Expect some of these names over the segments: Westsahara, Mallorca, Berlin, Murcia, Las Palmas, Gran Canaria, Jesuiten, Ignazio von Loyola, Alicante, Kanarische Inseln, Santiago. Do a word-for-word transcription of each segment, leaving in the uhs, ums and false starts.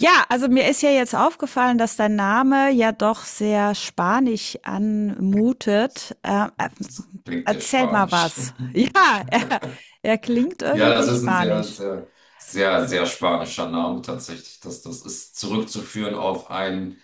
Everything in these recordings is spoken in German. Ja, also mir ist ja jetzt aufgefallen, dass dein Name ja doch sehr spanisch anmutet. Äh, äh, Das klingt ja Erzähl mal spanisch. was. Ja, er, er klingt Ja, irgendwie das ist ein sehr, spanisch. sehr, sehr, sehr spanischer Name tatsächlich. Das, das ist zurückzuführen auf einen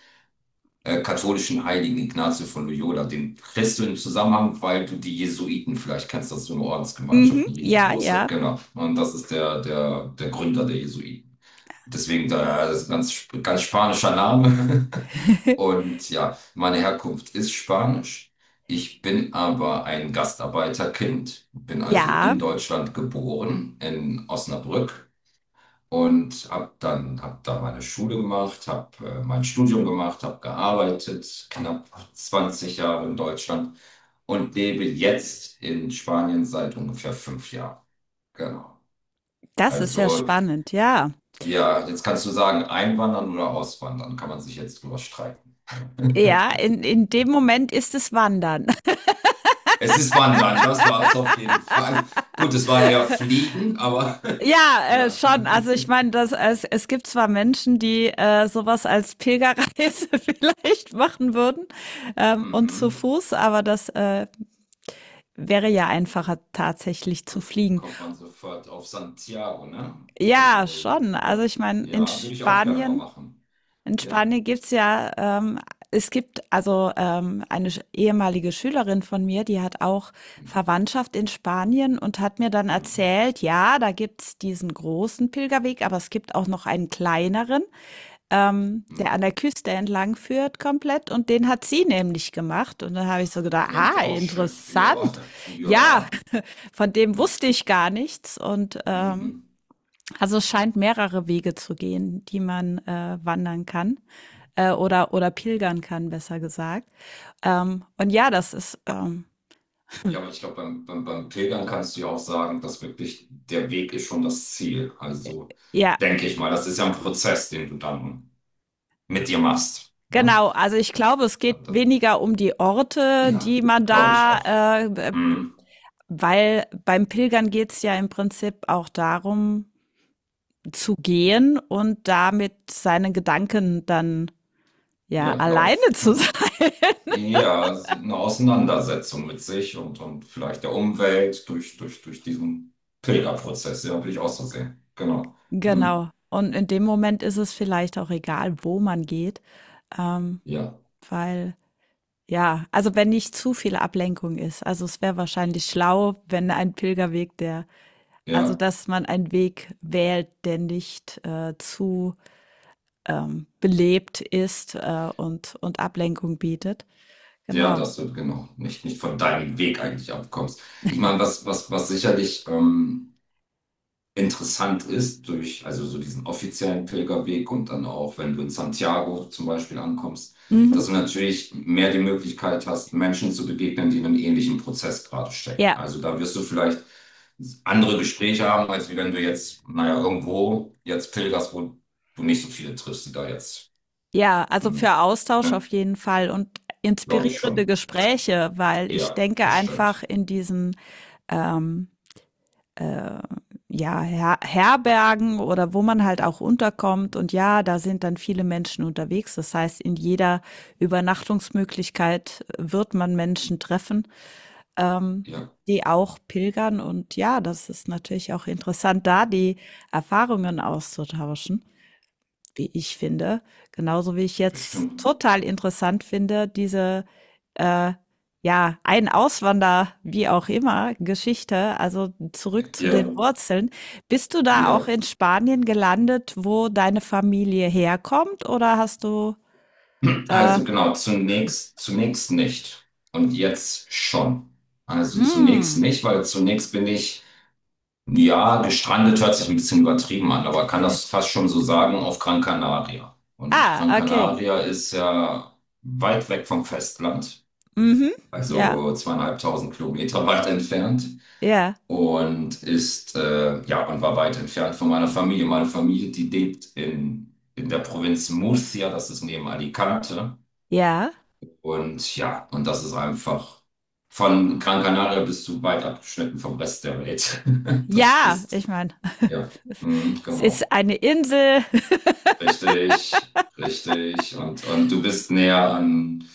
äh, katholischen Heiligen Ignazio von Loyola. Den kriegst du im Zusammenhang, weil du die Jesuiten vielleicht kennst, das ist so eine Mhm. Ordensgemeinschaft, eine Ja, riesengroße. ja. Genau. Und das ist der, der, der Gründer der Jesuiten. Deswegen da, ja, das ist ein ganz, sp- ganz spanischer Name. Und ja, meine Herkunft ist Spanisch. Ich bin aber ein Gastarbeiterkind, bin also Ja, in Deutschland geboren, in Osnabrück und habe dann hab da meine Schule gemacht, habe äh, mein Studium gemacht, habe gearbeitet, knapp zwanzig Jahre in Deutschland und lebe jetzt in Spanien seit ungefähr fünf Jahren. Genau. das ist ja Also, spannend, ja. ja, jetzt kannst du sagen, einwandern oder auswandern, kann man sich jetzt drüber streiten. Ja, in, in dem Moment ist es Wandern. Es ist Wandern, das war es auf jeden Fall. Gut, es war eher Fliegen, aber Ja, äh, ja. schon. Also ich meine, das, es, es gibt zwar Menschen, die äh, sowas als Pilgerreise vielleicht machen würden ähm, und zu Mhm. Fuß, aber das äh, wäre ja einfacher tatsächlich zu k- fliegen. kommt man sofort auf Santiago, ne? Ja, Also, schon. äh, Also ich meine, in ja, würde ich auch gerne mal Spanien, machen. in Ja. Spanien gibt's ja, ähm, es gibt also ähm, eine sch- ehemalige Schülerin von mir, die hat auch Hm, Verwandtschaft in Spanien und hat mir dann hm, erzählt, ja, da gibt's diesen großen Pilgerweg, aber es gibt auch noch einen kleineren, ähm, hm. der an der Küste entlang führt komplett, und den hat sie nämlich gemacht. Und dann habe ich so gedacht, Klingt ah, auch schön. interessant. Ja, Ja, ja. von dem Hm, wusste ich gar nichts. Und ähm, Mhm. also es scheint mehrere Wege zu gehen, die man äh, wandern kann äh, oder, oder pilgern kann, besser gesagt. Ähm, und ja, das ist, ähm, Ja, aber ich glaube, beim, beim, beim Pilgern kannst du ja auch sagen, dass wirklich der Weg ist schon das Ziel. Also, ja, denke ich mal, das ist ja ein Prozess, den du dann mit dir machst. Ne? genau. Also ich glaube, es geht Und das, weniger um die Orte, die ja, man glaube ich da, auch. äh, Hm. weil beim Pilgern geht es ja im Prinzip auch darum, zu gehen und damit seine Gedanken dann ja Ja, alleine Lauf, zu sein. genau. Ja, es ist eine Auseinandersetzung mit sich und, und, vielleicht der Umwelt durch, durch, durch diesen Pilgerprozess, ja, würde ich auch so sehen. Genau. Hm. Genau. Und in dem Moment ist es vielleicht auch egal, wo man geht, ähm, Ja, weil ja, also wenn nicht zu viel Ablenkung ist. Also es wäre wahrscheinlich schlau, wenn ein Pilgerweg, der, also ja, dass man einen Weg wählt, der nicht äh, zu ähm, belebt ist äh, und, und Ablenkung bietet. ja, Genau. dass du genau nicht, nicht von deinem Weg eigentlich abkommst. Ich meine, was, was, was sicherlich, ähm, interessant ist durch also so diesen offiziellen Pilgerweg und dann auch, wenn du in Santiago zum Beispiel ankommst, Mhm. dass du natürlich mehr die Möglichkeit hast, Menschen zu begegnen, die in einem ähnlichen Prozess gerade stecken. Ja, Also da wirst du vielleicht andere Gespräche haben, als wie wenn du jetzt, naja, irgendwo jetzt pilgerst, wo du nicht so viele triffst, die da jetzt, ja, also hm, für Austausch ne, auf jeden Fall und glaube ich inspirierende schon. Gespräche, weil ich Ja, denke einfach bestimmt. in diesen ähm, äh, ja, Her Herbergen oder wo man halt auch unterkommt. Und ja, da sind dann viele Menschen unterwegs. Das heißt, in jeder Übernachtungsmöglichkeit wird man Menschen treffen, ähm, Ja, die auch pilgern. Und ja, das ist natürlich auch interessant, da die Erfahrungen auszutauschen, wie ich finde. Genauso wie ich jetzt bestimmt. total interessant finde, diese, äh, ja, ein Auswander, wie auch immer, Geschichte, also zurück zu Ja, den Wurzeln. Bist du da auch ja. in Spanien gelandet, wo deine Familie herkommt oder hast du, äh, Also genau, zunächst, zunächst nicht. Und jetzt schon. Also zunächst hm, nicht, weil zunächst bin ich, ja, gestrandet hört sich ein bisschen übertrieben an, aber kann das fast schon so sagen, auf Gran Canaria. Und ah, Gran okay. Canaria ist ja weit weg vom Festland, Mhm. Ja, also zweieinhalbtausend Kilometer weit entfernt. ja, Und ist, äh, ja, und war weit entfernt von meiner Familie. Meine Familie, die lebt in, in, der Provinz Murcia, das ist neben Alicante. ja. Und ja, und das ist einfach von Gran Canaria bis zu weit abgeschnitten vom Rest der Welt. Das Ja, ist, ich meine, ja, mm, es genau. ist eine Insel. Richtig, richtig. Und, und, du bist näher an,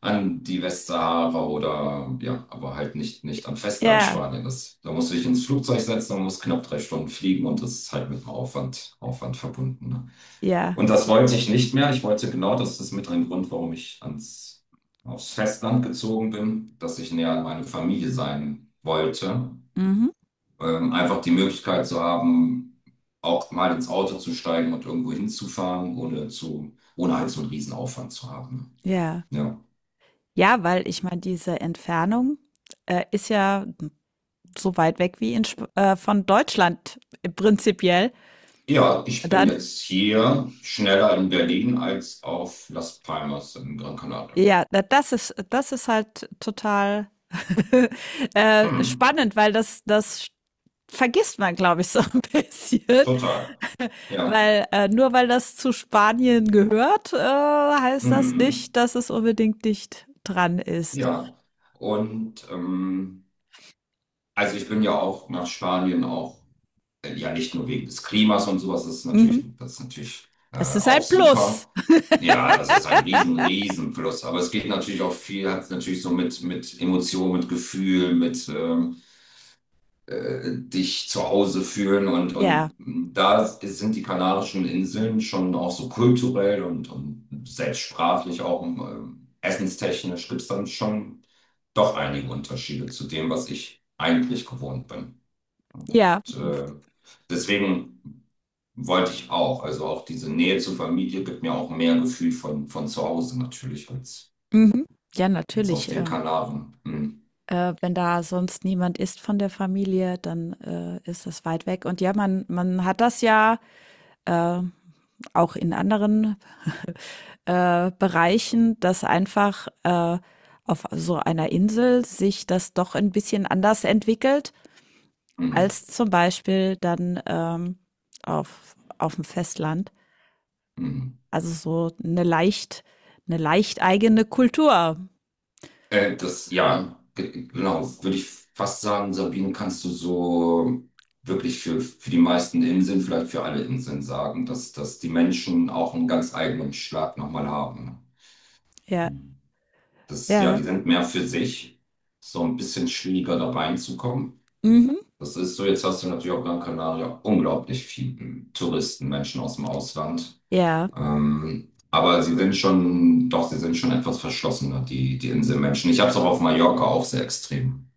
an die Westsahara oder, ja, aber halt nicht, nicht am Festland Ja, Spanien. Das, da musst du dich ins Flugzeug setzen und musst knapp drei Stunden fliegen und das ist halt mit einem Aufwand, Aufwand verbunden. Ne? ja. Und das wollte ich nicht mehr. Ich wollte genau, das ist mit ein Grund, warum ich ans, aufs Festland gezogen bin, dass ich näher an meine Familie sein wollte. Mhm. Ähm, einfach die Möglichkeit zu haben, auch mal ins Auto zu steigen und irgendwo hinzufahren, ohne zu, ohne halt so einen riesen Aufwand zu haben. Ja. Ja. Ja, weil ich meine, diese Entfernung, äh, ist ja so weit weg wie in Sp äh, von Deutschland äh, prinzipiell. Ja, ich bin Dann, jetzt hier schneller in Berlin als auf Las Palmas in Gran Canaria. ja, da- das ist, das ist halt total äh, Hm, spannend, weil das, das vergisst man, glaube ich, so ein bisschen. total. Ja. Weil äh, nur weil das zu Spanien gehört, äh, heißt das Hm, nicht, dass es unbedingt dicht dran ist. ja. Und ähm, Also ich bin ja auch nach Spanien auch, äh, ja nicht nur wegen des Klimas und sowas, das ist Mhm. natürlich, das ist natürlich äh, Das ist auch ein Plus. super. Ja, das ist ein riesen, riesen Plus. Aber es geht natürlich auch viel, hat natürlich so mit, mit, Emotionen, mit Gefühl, mit ähm, äh, dich zu Hause fühlen. Und, Ja, und da sind die Kanarischen Inseln schon auch so kulturell und, und selbst sprachlich auch ähm, essenstechnisch gibt es dann schon doch einige Unterschiede zu dem, was ich eigentlich gewohnt bin. ja, Und, äh, deswegen wollte ich auch, also auch diese Nähe zur Familie gibt mir auch mehr Gefühl von, von, zu Hause natürlich als, mhm. Ja, als auf natürlich. den Ähm. Kanaren. Hm, Äh, wenn da sonst niemand ist von der Familie, dann, äh, ist das weit weg. Und ja, man man hat das ja, äh, auch in anderen, äh, Bereichen, dass einfach, äh, auf so einer Insel sich das doch ein bisschen anders entwickelt hm, als zum Beispiel dann, ähm, auf auf dem Festland. hm. Also, so eine leicht eine leicht eigene Kultur. Äh, das, ja, ge- genau, würde ich fast sagen, Sabine, kannst du so wirklich für, für, die meisten Inseln, vielleicht für alle Inseln sagen, dass, dass die Menschen auch einen ganz eigenen Schlag nochmal haben. Ja, Das, ja, ja. die sind mehr für sich, so ein bisschen schwieriger da reinzukommen. Mhm. Das ist so, jetzt hast du natürlich auf Gran Canaria unglaublich viele Touristen, Menschen aus dem Ausland. Ja, Ähm, aber sie sind schon, doch, sie sind schon etwas verschlossener, die, die Inselmenschen. Ich habe es auch auf Mallorca auch sehr extrem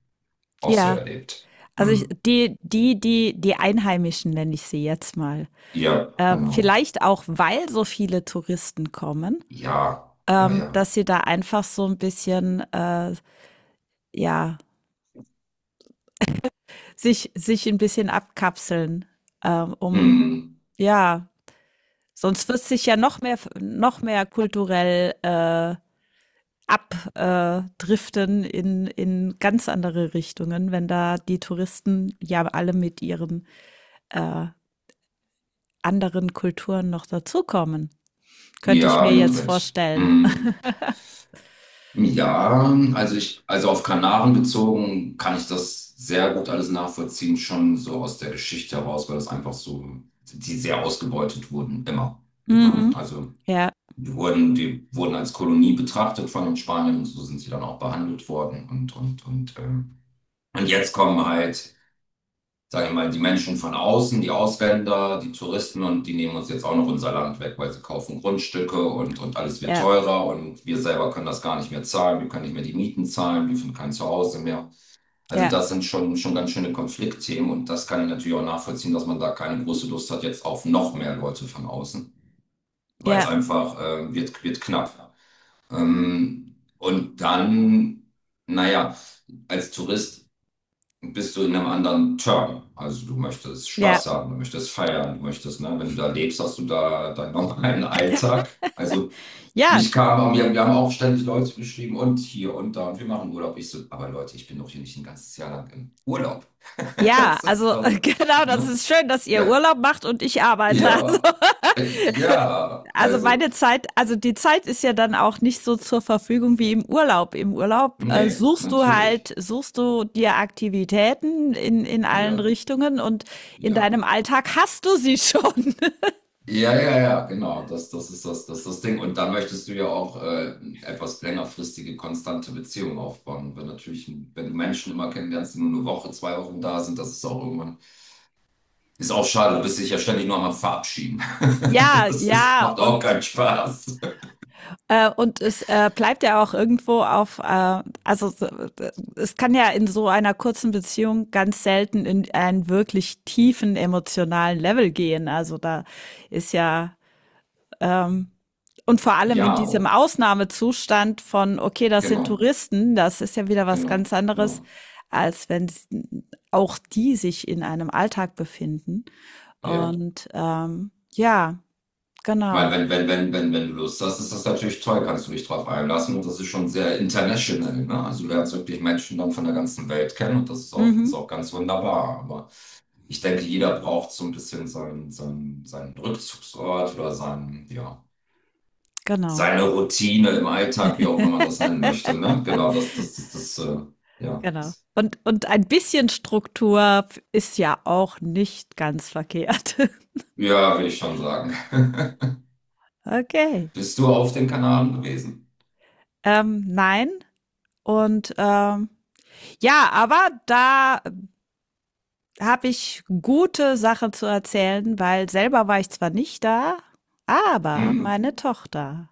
auch so ja. erlebt. Also ich, Hm. die, die, die, die Einheimischen nenne ich sie jetzt mal. Ja, Äh, genau. vielleicht auch, weil so viele Touristen kommen, Ja, ja, ähm, ja. dass sie da einfach so ein bisschen, äh, ja, sich, sich ein bisschen abkapseln, äh, um, Hm. ja, sonst wird sich ja noch mehr, noch mehr kulturell äh, abdriften in, in ganz andere Richtungen, wenn da die Touristen ja alle mit ihren äh, anderen Kulturen noch dazukommen. Könnte ich Ja, mir mit, jetzt mit. vorstellen. Hm. Ja, also ich, also auf Kanaren bezogen kann ich das sehr gut alles nachvollziehen, schon so aus der Geschichte heraus, weil das einfach so, die sehr ausgebeutet wurden, immer. Ne? Mhm. Also Ja, die wurden, die wurden als Kolonie betrachtet von den Spaniern und so sind sie dann auch behandelt worden und, und, und, ähm, und jetzt kommen halt sage ich mal, die Menschen von außen, die Ausländer, die Touristen und die nehmen uns jetzt auch noch unser Land weg, weil sie kaufen Grundstücke und, und, alles wird ja, teurer und wir selber können das gar nicht mehr zahlen, wir können nicht mehr die Mieten zahlen, wir finden kein Zuhause mehr. Also ja, das sind schon, schon ganz schöne Konfliktthemen und das kann ich natürlich auch nachvollziehen, dass man da keine große Lust hat jetzt auf noch mehr Leute von außen, weil es ja, einfach äh, wird, wird knapp. Ähm, und dann, naja, als Tourist bist du in einem anderen Term. Also du möchtest ja, Spaß haben, du möchtest feiern, du möchtest, ne, wenn du da lebst, hast du da deinen normalen Alltag. Also ja. mich kam, wir, wir haben auch ständig Leute geschrieben und hier und da und wir machen Urlaub. Ich so, aber Leute, ich bin doch hier nicht ein ganzes Jahr lang im Urlaub. Ja, Das ist also doch, genau, das ne? ist schön, dass ihr Ja, Urlaub macht und ich arbeite. Also, ja, ja, also also, meine Zeit, also die Zeit ist ja dann auch nicht so zur Verfügung wie im Urlaub. Im Urlaub äh, nee, suchst du natürlich. halt, suchst du dir Aktivitäten in, in allen Ja, Richtungen und in ja. deinem Alltag hast du sie schon. Ja, ja, ja, genau. Das, das ist das, das ist das Ding. Und dann möchtest du ja auch äh, etwas längerfristige, konstante Beziehung aufbauen. Wenn natürlich, wenn du Menschen immer kennenlernst, die nur eine Woche, zwei Wochen da sind, das ist auch irgendwann, ist auch schade. Du bist dich ja ständig nur am Verabschieden. Ja, Das ist, ja, macht und auch keinen Spaß. äh, und es äh, bleibt ja auch irgendwo auf, äh, also so, es kann ja in so einer kurzen Beziehung ganz selten in einen wirklich tiefen emotionalen Level gehen. Also da ist ja, ähm, und vor allem in Ja, diesem Ausnahmezustand von, okay, das sind genau, Touristen, das ist ja wieder was ganz genau, anderes, genau, als wenn s- auch die sich in einem Alltag befinden. ja. Und ähm, ja, Ich meine, genau. wenn, wenn, wenn, wenn, wenn du Lust hast, ist das natürlich toll, kannst du dich drauf einlassen und das ist schon sehr international, ne? Also du lernst wirklich Menschen dann von der ganzen Welt kennen und das ist auch, Mhm, ist auch ganz wunderbar. Aber ich denke, jeder braucht so ein bisschen seinen, seinen, seinen Rückzugsort oder seinen, ja, genau. seine Routine im Alltag, wie auch immer man das nennen möchte, ne? Genau, das, das, das, das, äh, ja. Genau. Und und ein bisschen Struktur f ist ja auch nicht ganz verkehrt. Ja, will ich schon sagen. Okay. Bist du auf den Kanaren gewesen? Ähm, nein. Und, ähm, ja, aber da habe ich gute Sachen zu erzählen, weil selber war ich zwar nicht da, aber Mhm. meine Tochter